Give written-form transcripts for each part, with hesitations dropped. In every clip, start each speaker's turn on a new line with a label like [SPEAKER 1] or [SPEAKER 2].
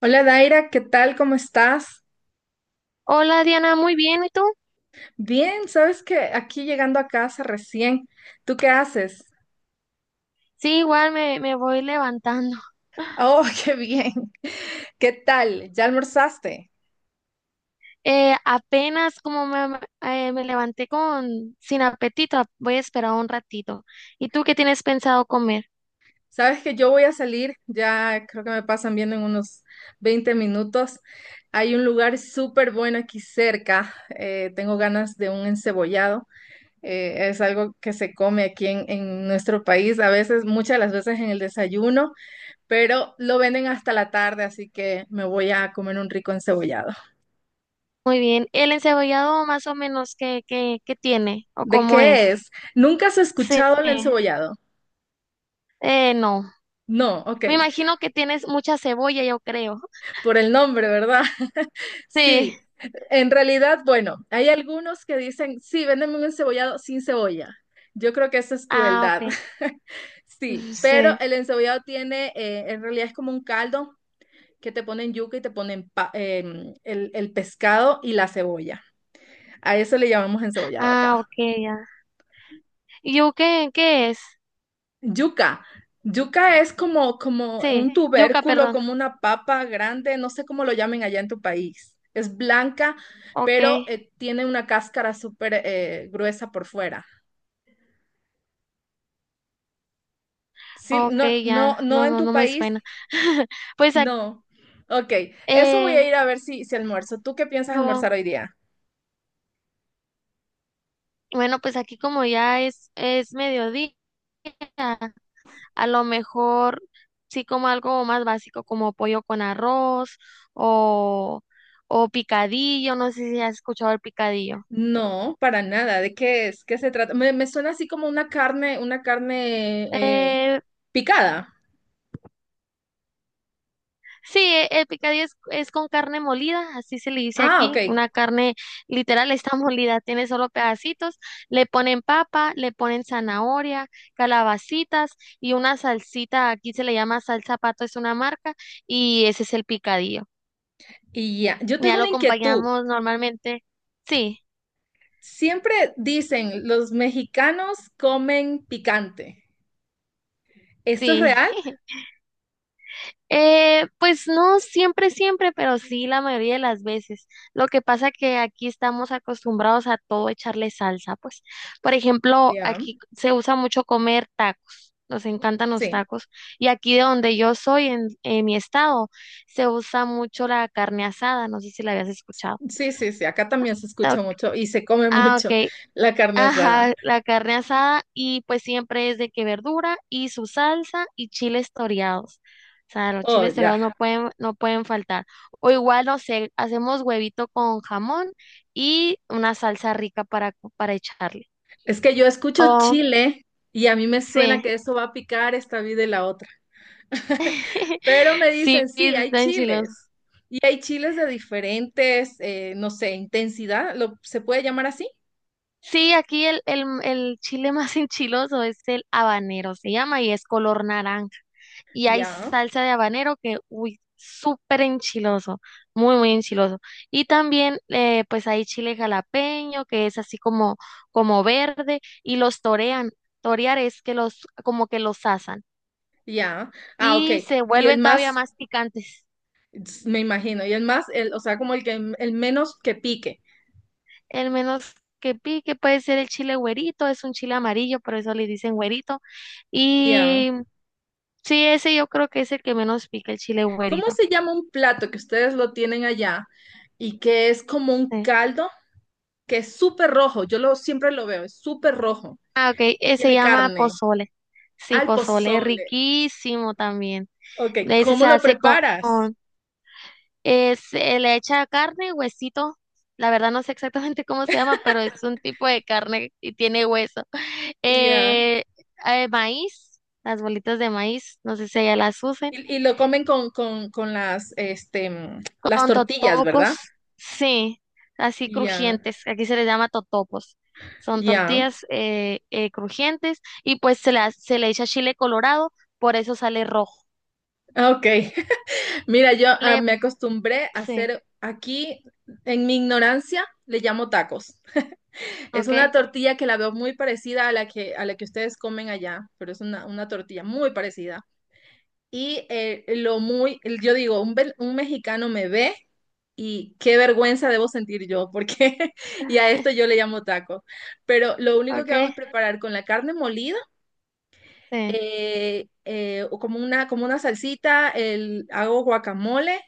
[SPEAKER 1] Hola Daira, ¿qué tal? ¿Cómo estás?
[SPEAKER 2] Hola Diana, muy bien, ¿y tú?
[SPEAKER 1] Bien, sabes que aquí llegando a casa recién. ¿Tú qué haces?
[SPEAKER 2] Sí, igual me voy levantando.
[SPEAKER 1] Oh, qué bien. ¿Qué tal? ¿Ya almorzaste?
[SPEAKER 2] Apenas como me levanté con sin apetito, voy a esperar un ratito. ¿Y tú qué tienes pensado comer?
[SPEAKER 1] Sabes que yo voy a salir, ya creo que me pasan viendo en unos 20 minutos. Hay un lugar súper bueno aquí cerca. Tengo ganas de un encebollado. Es algo que se come aquí en nuestro país, a veces, muchas de las veces en el desayuno. Pero lo venden hasta la tarde, así que me voy a comer un rico encebollado.
[SPEAKER 2] Muy bien. ¿El encebollado más o menos qué tiene o
[SPEAKER 1] ¿De
[SPEAKER 2] cómo
[SPEAKER 1] qué
[SPEAKER 2] es?
[SPEAKER 1] es? ¿Nunca has
[SPEAKER 2] Sí.
[SPEAKER 1] escuchado el encebollado?
[SPEAKER 2] No.
[SPEAKER 1] No, ok,
[SPEAKER 2] Me imagino que tienes mucha cebolla, yo creo.
[SPEAKER 1] por el nombre, ¿verdad?
[SPEAKER 2] Sí.
[SPEAKER 1] Sí, en realidad, bueno, hay algunos que dicen, sí, véndeme un encebollado sin cebolla. Yo creo que eso es
[SPEAKER 2] Ah,
[SPEAKER 1] crueldad.
[SPEAKER 2] ok.
[SPEAKER 1] Sí, pero
[SPEAKER 2] Sí.
[SPEAKER 1] el encebollado tiene, en realidad es como un caldo que te ponen yuca y te ponen el pescado y la cebolla. A eso le llamamos encebollado acá.
[SPEAKER 2] Ah, ok, ya. ¿Yuca qué es?
[SPEAKER 1] Yuca. Yuca es como
[SPEAKER 2] Sí.
[SPEAKER 1] un
[SPEAKER 2] Yuca,
[SPEAKER 1] tubérculo,
[SPEAKER 2] perdón.
[SPEAKER 1] como una papa grande, no sé cómo lo llamen allá en tu país. Es blanca,
[SPEAKER 2] Ok.
[SPEAKER 1] pero tiene una cáscara súper gruesa por fuera. Sí,
[SPEAKER 2] Ok, ya,
[SPEAKER 1] no
[SPEAKER 2] no,
[SPEAKER 1] en
[SPEAKER 2] no,
[SPEAKER 1] tu
[SPEAKER 2] no me
[SPEAKER 1] país,
[SPEAKER 2] suena. Pues,
[SPEAKER 1] no. Ok, eso voy
[SPEAKER 2] eh,
[SPEAKER 1] a ir a ver si almuerzo. ¿Tú qué piensas
[SPEAKER 2] no,
[SPEAKER 1] almorzar hoy día?
[SPEAKER 2] bueno, pues aquí como ya es mediodía, a lo mejor sí como algo más básico como pollo con arroz o, o picadillo, no sé si has escuchado el picadillo.
[SPEAKER 1] No, para nada. ¿De qué es? ¿Qué se trata? Me suena así como una carne
[SPEAKER 2] Eh,
[SPEAKER 1] picada.
[SPEAKER 2] Sí, el picadillo es con carne molida, así se le dice
[SPEAKER 1] Ah, ok.
[SPEAKER 2] aquí, una carne literal está molida, tiene solo pedacitos, le ponen papa, le ponen zanahoria, calabacitas y una salsita, aquí se le llama salsa pato, es una marca, y ese es el picadillo.
[SPEAKER 1] Y ya, yo
[SPEAKER 2] Ya
[SPEAKER 1] tengo
[SPEAKER 2] lo
[SPEAKER 1] una inquietud.
[SPEAKER 2] acompañamos normalmente, sí,
[SPEAKER 1] Siempre dicen, los mexicanos comen picante. ¿Esto es
[SPEAKER 2] sí.
[SPEAKER 1] real?
[SPEAKER 2] Pues no siempre, siempre, pero sí la mayoría de las veces. Lo que pasa que aquí estamos acostumbrados a todo echarle salsa, pues. Por ejemplo,
[SPEAKER 1] Ya,
[SPEAKER 2] aquí se usa mucho comer tacos. Nos encantan los
[SPEAKER 1] sí,
[SPEAKER 2] tacos. Y aquí de donde yo soy, en mi estado, se usa mucho la carne asada. No sé si la habías escuchado.
[SPEAKER 1] sí, sí, sí. Acá también se escucha mucho y se come
[SPEAKER 2] Ah,
[SPEAKER 1] mucho
[SPEAKER 2] ok.
[SPEAKER 1] la carne asada.
[SPEAKER 2] Ajá, la carne asada y pues siempre es de que verdura y su salsa y chiles toreados. O sea, los
[SPEAKER 1] Oh,
[SPEAKER 2] chiles
[SPEAKER 1] ya.
[SPEAKER 2] toreados no pueden faltar. O igual, no sé, hacemos huevito con jamón y una salsa rica para echarle.
[SPEAKER 1] Es que yo escucho
[SPEAKER 2] Oh,
[SPEAKER 1] chile y a mí me suena
[SPEAKER 2] sí.
[SPEAKER 1] que eso va a picar esta vida y la otra. Pero me
[SPEAKER 2] Sí,
[SPEAKER 1] dicen, sí, hay
[SPEAKER 2] está enchiloso.
[SPEAKER 1] chiles. Y hay chiles de diferentes, no sé, intensidad. Se puede llamar así?
[SPEAKER 2] Sí, aquí el chile más enchiloso es el habanero, se llama, y es color naranja. Y hay
[SPEAKER 1] Ya,
[SPEAKER 2] salsa de habanero que, uy, súper enchiloso, muy, muy enchiloso. Y también, pues hay chile jalapeño, que es así como verde, y los torean. Torear es que los, como que los asan.
[SPEAKER 1] ya. Ah, ok.
[SPEAKER 2] Y se
[SPEAKER 1] Y el
[SPEAKER 2] vuelven todavía
[SPEAKER 1] más
[SPEAKER 2] más picantes.
[SPEAKER 1] me imagino. Y el más, o sea, como el que el menos que pique.
[SPEAKER 2] El menos que pique puede ser el chile güerito, es un chile amarillo, por eso le dicen güerito.
[SPEAKER 1] Ya.
[SPEAKER 2] Y sí, ese yo creo que es el que menos pica, el chile
[SPEAKER 1] ¿Cómo
[SPEAKER 2] güerito.
[SPEAKER 1] se llama un plato que ustedes lo tienen allá y que es como un
[SPEAKER 2] Sí.
[SPEAKER 1] caldo que es súper rojo? Yo lo siempre lo veo, es súper rojo.
[SPEAKER 2] Ah, ok,
[SPEAKER 1] Y
[SPEAKER 2] se
[SPEAKER 1] tiene
[SPEAKER 2] llama
[SPEAKER 1] carne,
[SPEAKER 2] pozole. Sí,
[SPEAKER 1] al
[SPEAKER 2] pozole,
[SPEAKER 1] pozole.
[SPEAKER 2] riquísimo también.
[SPEAKER 1] Ok,
[SPEAKER 2] Ese
[SPEAKER 1] ¿cómo
[SPEAKER 2] se
[SPEAKER 1] lo
[SPEAKER 2] hace
[SPEAKER 1] preparas?
[SPEAKER 2] se le echa carne, huesito. La verdad no sé exactamente cómo se llama, pero es un tipo de carne y tiene hueso.
[SPEAKER 1] Ya.
[SPEAKER 2] Eh, Maíz, las bolitas de maíz, no sé si ella las use.
[SPEAKER 1] Y lo comen con las, este, las
[SPEAKER 2] Con
[SPEAKER 1] tortillas, ¿verdad?
[SPEAKER 2] totopos, sí, así
[SPEAKER 1] Ya,
[SPEAKER 2] crujientes. Aquí se les llama totopos. Son
[SPEAKER 1] ya.
[SPEAKER 2] tortillas crujientes y pues se le echa chile colorado, por eso sale rojo.
[SPEAKER 1] Ah, ok. Mira, yo
[SPEAKER 2] Le,
[SPEAKER 1] me acostumbré a
[SPEAKER 2] sí,
[SPEAKER 1] hacer aquí, en mi ignorancia, le llamo tacos. Es
[SPEAKER 2] ok,
[SPEAKER 1] una tortilla que la veo muy parecida a la que ustedes comen allá, pero es una tortilla muy parecida. Y yo digo, un mexicano me ve y qué vergüenza debo sentir yo, porque y a esto yo le llamo taco. Pero lo único que
[SPEAKER 2] ok,
[SPEAKER 1] hago es preparar con la carne molida
[SPEAKER 2] sí.
[SPEAKER 1] o como una salsita, hago guacamole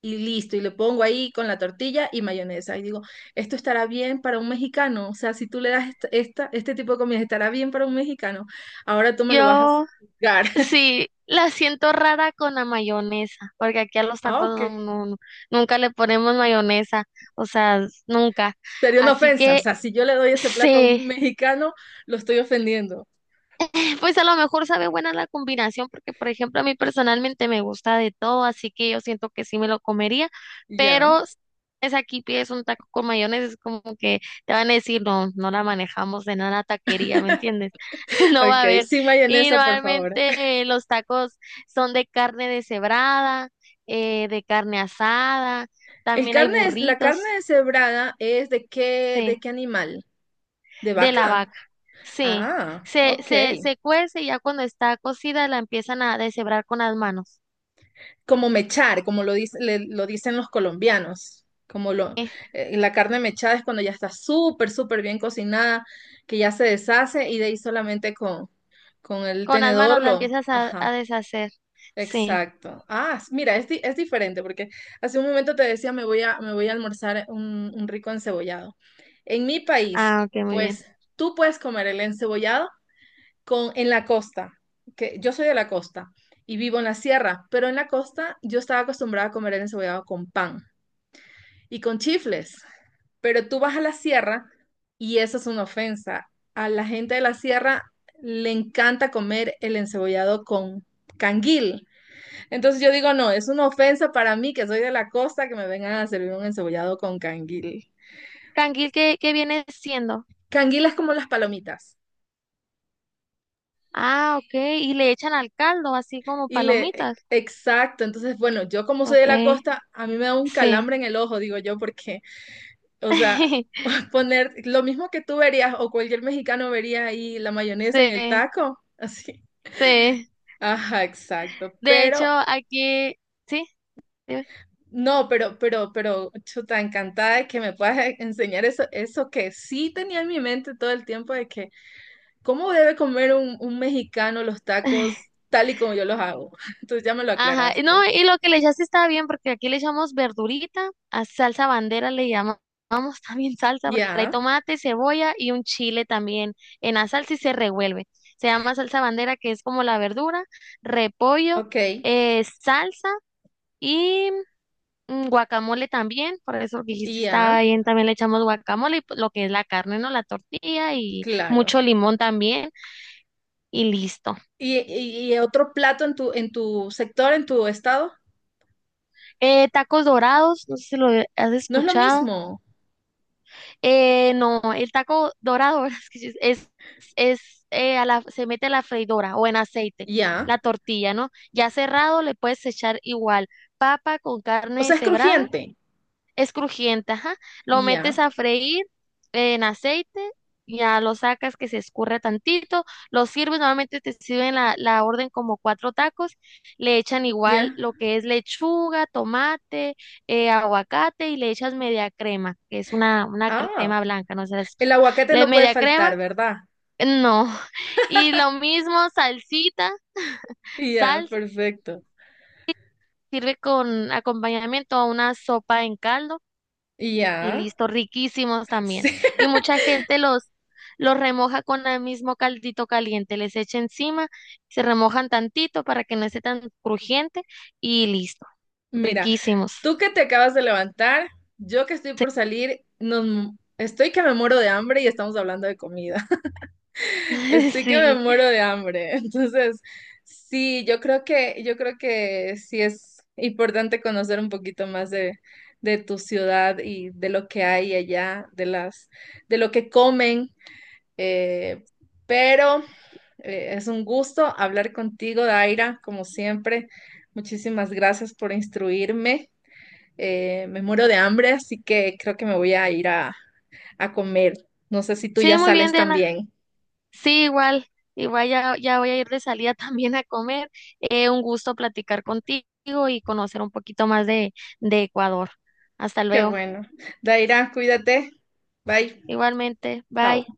[SPEAKER 1] y listo, y le pongo ahí con la tortilla y mayonesa. Y digo, esto estará bien para un mexicano, o sea, si tú le das esta, este tipo de comida, estará bien para un mexicano, ahora tú me lo vas a
[SPEAKER 2] Yo
[SPEAKER 1] juzgar.
[SPEAKER 2] sí la siento rara con la mayonesa, porque aquí a los
[SPEAKER 1] Ah,
[SPEAKER 2] tacos
[SPEAKER 1] ok.
[SPEAKER 2] no, nunca le ponemos mayonesa, o sea, nunca.
[SPEAKER 1] Sería una
[SPEAKER 2] Así
[SPEAKER 1] ofensa, o
[SPEAKER 2] que
[SPEAKER 1] sea, si yo le doy ese plato a
[SPEAKER 2] sí.
[SPEAKER 1] un mexicano, lo estoy ofendiendo.
[SPEAKER 2] Pues a lo mejor sabe buena la combinación, porque por ejemplo a mí personalmente me gusta de todo, así que yo siento que sí me lo comería,
[SPEAKER 1] Ya,
[SPEAKER 2] pero es aquí pides un taco con mayonesa, es como que te van a decir, no, no la manejamos de nada taquería, ¿me entiendes? No va a
[SPEAKER 1] ok,
[SPEAKER 2] haber.
[SPEAKER 1] sin
[SPEAKER 2] Y
[SPEAKER 1] mayonesa, por favor.
[SPEAKER 2] normalmente los tacos son de carne deshebrada, de carne asada,
[SPEAKER 1] El
[SPEAKER 2] también hay
[SPEAKER 1] carne es, la carne
[SPEAKER 2] burritos,
[SPEAKER 1] deshebrada es de qué, ¿de
[SPEAKER 2] sí,
[SPEAKER 1] qué animal? ¿De
[SPEAKER 2] de la
[SPEAKER 1] vaca?
[SPEAKER 2] vaca. Sí,
[SPEAKER 1] Ah,
[SPEAKER 2] se,
[SPEAKER 1] ok.
[SPEAKER 2] se, se cuece y ya cuando está cocida la empiezan a deshebrar con las manos.
[SPEAKER 1] Como mechar, como lo dicen los colombianos. Como lo,
[SPEAKER 2] ¿Eh?
[SPEAKER 1] la carne mechada es cuando ya está súper, súper bien cocinada, que ya se deshace y de ahí solamente con el
[SPEAKER 2] Con las manos
[SPEAKER 1] tenedor
[SPEAKER 2] la
[SPEAKER 1] lo...
[SPEAKER 2] empiezas a,
[SPEAKER 1] Ajá,
[SPEAKER 2] a deshacer. Sí.
[SPEAKER 1] exacto. Ah, mira, es diferente porque hace un momento te decía me voy me voy a almorzar un rico encebollado. En mi país,
[SPEAKER 2] Ah, ok, muy bien.
[SPEAKER 1] pues tú puedes comer el encebollado con, en la costa, que yo soy de la costa y vivo en la sierra, pero en la costa yo estaba acostumbrada a comer el encebollado con pan y con chifles, pero tú vas a la sierra y eso es una ofensa. A la gente de la sierra le encanta comer el encebollado con canguil. Entonces yo digo, no, es una ofensa para mí que soy de la costa que me vengan a servir un encebollado con canguil.
[SPEAKER 2] Canguil, ¿qué viene siendo?
[SPEAKER 1] Canguil es como las palomitas.
[SPEAKER 2] Ah, ok. Y le echan al caldo, así como
[SPEAKER 1] Y
[SPEAKER 2] palomitas.
[SPEAKER 1] exacto, entonces, bueno, yo como soy
[SPEAKER 2] Ok,
[SPEAKER 1] de la costa, a mí me da un
[SPEAKER 2] sí.
[SPEAKER 1] calambre en el ojo, digo yo, porque, o sea, poner lo mismo que tú verías o cualquier mexicano vería ahí la mayonesa en el
[SPEAKER 2] Sí,
[SPEAKER 1] taco, así.
[SPEAKER 2] sí.
[SPEAKER 1] Ajá, exacto,
[SPEAKER 2] De hecho,
[SPEAKER 1] pero,
[SPEAKER 2] aquí, sí, dime.
[SPEAKER 1] no, pero, chuta, encantada de que me puedas enseñar eso, eso que sí tenía en mi mente todo el tiempo de que, ¿cómo debe comer un mexicano los tacos tal y como yo los hago? Entonces ya me lo
[SPEAKER 2] Ajá, y no,
[SPEAKER 1] aclaraste.
[SPEAKER 2] y lo que le echaste estaba bien porque aquí le echamos verdurita, a salsa bandera le llamamos también salsa porque trae
[SPEAKER 1] Ya,
[SPEAKER 2] tomate, cebolla y un chile también en la salsa y se revuelve. Se llama salsa bandera que es como la verdura, repollo,
[SPEAKER 1] ok,
[SPEAKER 2] salsa y guacamole también, por eso que dijiste
[SPEAKER 1] ya.
[SPEAKER 2] estaba bien, también le echamos guacamole y pues, lo que es la carne, ¿no? La tortilla y
[SPEAKER 1] Claro.
[SPEAKER 2] mucho limón también y listo.
[SPEAKER 1] Y otro plato en tu sector, en tu estado?
[SPEAKER 2] Tacos dorados, no sé si lo has
[SPEAKER 1] No es lo
[SPEAKER 2] escuchado.
[SPEAKER 1] mismo.
[SPEAKER 2] No, el taco dorado que sí, es, se mete a la freidora o en aceite,
[SPEAKER 1] Ya.
[SPEAKER 2] la tortilla, ¿no? Ya cerrado le puedes echar igual papa con
[SPEAKER 1] O
[SPEAKER 2] carne
[SPEAKER 1] sea, es
[SPEAKER 2] deshebrada.
[SPEAKER 1] crujiente.
[SPEAKER 2] Es crujiente, ajá. Lo metes
[SPEAKER 1] Ya,
[SPEAKER 2] a freír en aceite, ya lo sacas que se escurra tantito, lo sirves, normalmente te sirven la orden como cuatro tacos, le echan igual
[SPEAKER 1] ya.
[SPEAKER 2] lo que es lechuga, tomate, aguacate y le echas media crema, que es una
[SPEAKER 1] Ah,
[SPEAKER 2] crema blanca, no sé, si has
[SPEAKER 1] el
[SPEAKER 2] escuchado.
[SPEAKER 1] aguacate
[SPEAKER 2] Le
[SPEAKER 1] no puede
[SPEAKER 2] media crema,
[SPEAKER 1] faltar, ¿verdad?
[SPEAKER 2] no. Y lo mismo, salsita,
[SPEAKER 1] Ya,
[SPEAKER 2] sal,
[SPEAKER 1] perfecto.
[SPEAKER 2] sirve con acompañamiento a una sopa en caldo. Y
[SPEAKER 1] Ya.
[SPEAKER 2] listo, riquísimos también.
[SPEAKER 1] Sí.
[SPEAKER 2] Y mucha gente los remoja con el mismo caldito caliente, les echa encima, se remojan tantito para que no esté tan crujiente y listo,
[SPEAKER 1] Mira,
[SPEAKER 2] riquísimos.
[SPEAKER 1] tú que te acabas de levantar, yo que estoy por salir, nos, estoy que me muero de hambre y estamos hablando de comida. Estoy que me
[SPEAKER 2] Sí,
[SPEAKER 1] muero de hambre. Entonces, sí, yo creo yo creo que sí es importante conocer un poquito más de tu ciudad y de lo que hay allá, de las, de lo que comen. eh, pero es un gusto hablar contigo, Daira, como siempre. Muchísimas gracias por instruirme. Me muero de hambre, así que creo que me voy a ir a comer. No sé si tú
[SPEAKER 2] sí,
[SPEAKER 1] ya
[SPEAKER 2] muy bien,
[SPEAKER 1] sales
[SPEAKER 2] Diana.
[SPEAKER 1] también.
[SPEAKER 2] Sí, igual ya voy a ir de salida también a comer. Un gusto platicar contigo y conocer un poquito más de Ecuador. Hasta
[SPEAKER 1] Qué
[SPEAKER 2] luego.
[SPEAKER 1] bueno. Daira, cuídate. Bye.
[SPEAKER 2] Igualmente,
[SPEAKER 1] Chao.
[SPEAKER 2] bye.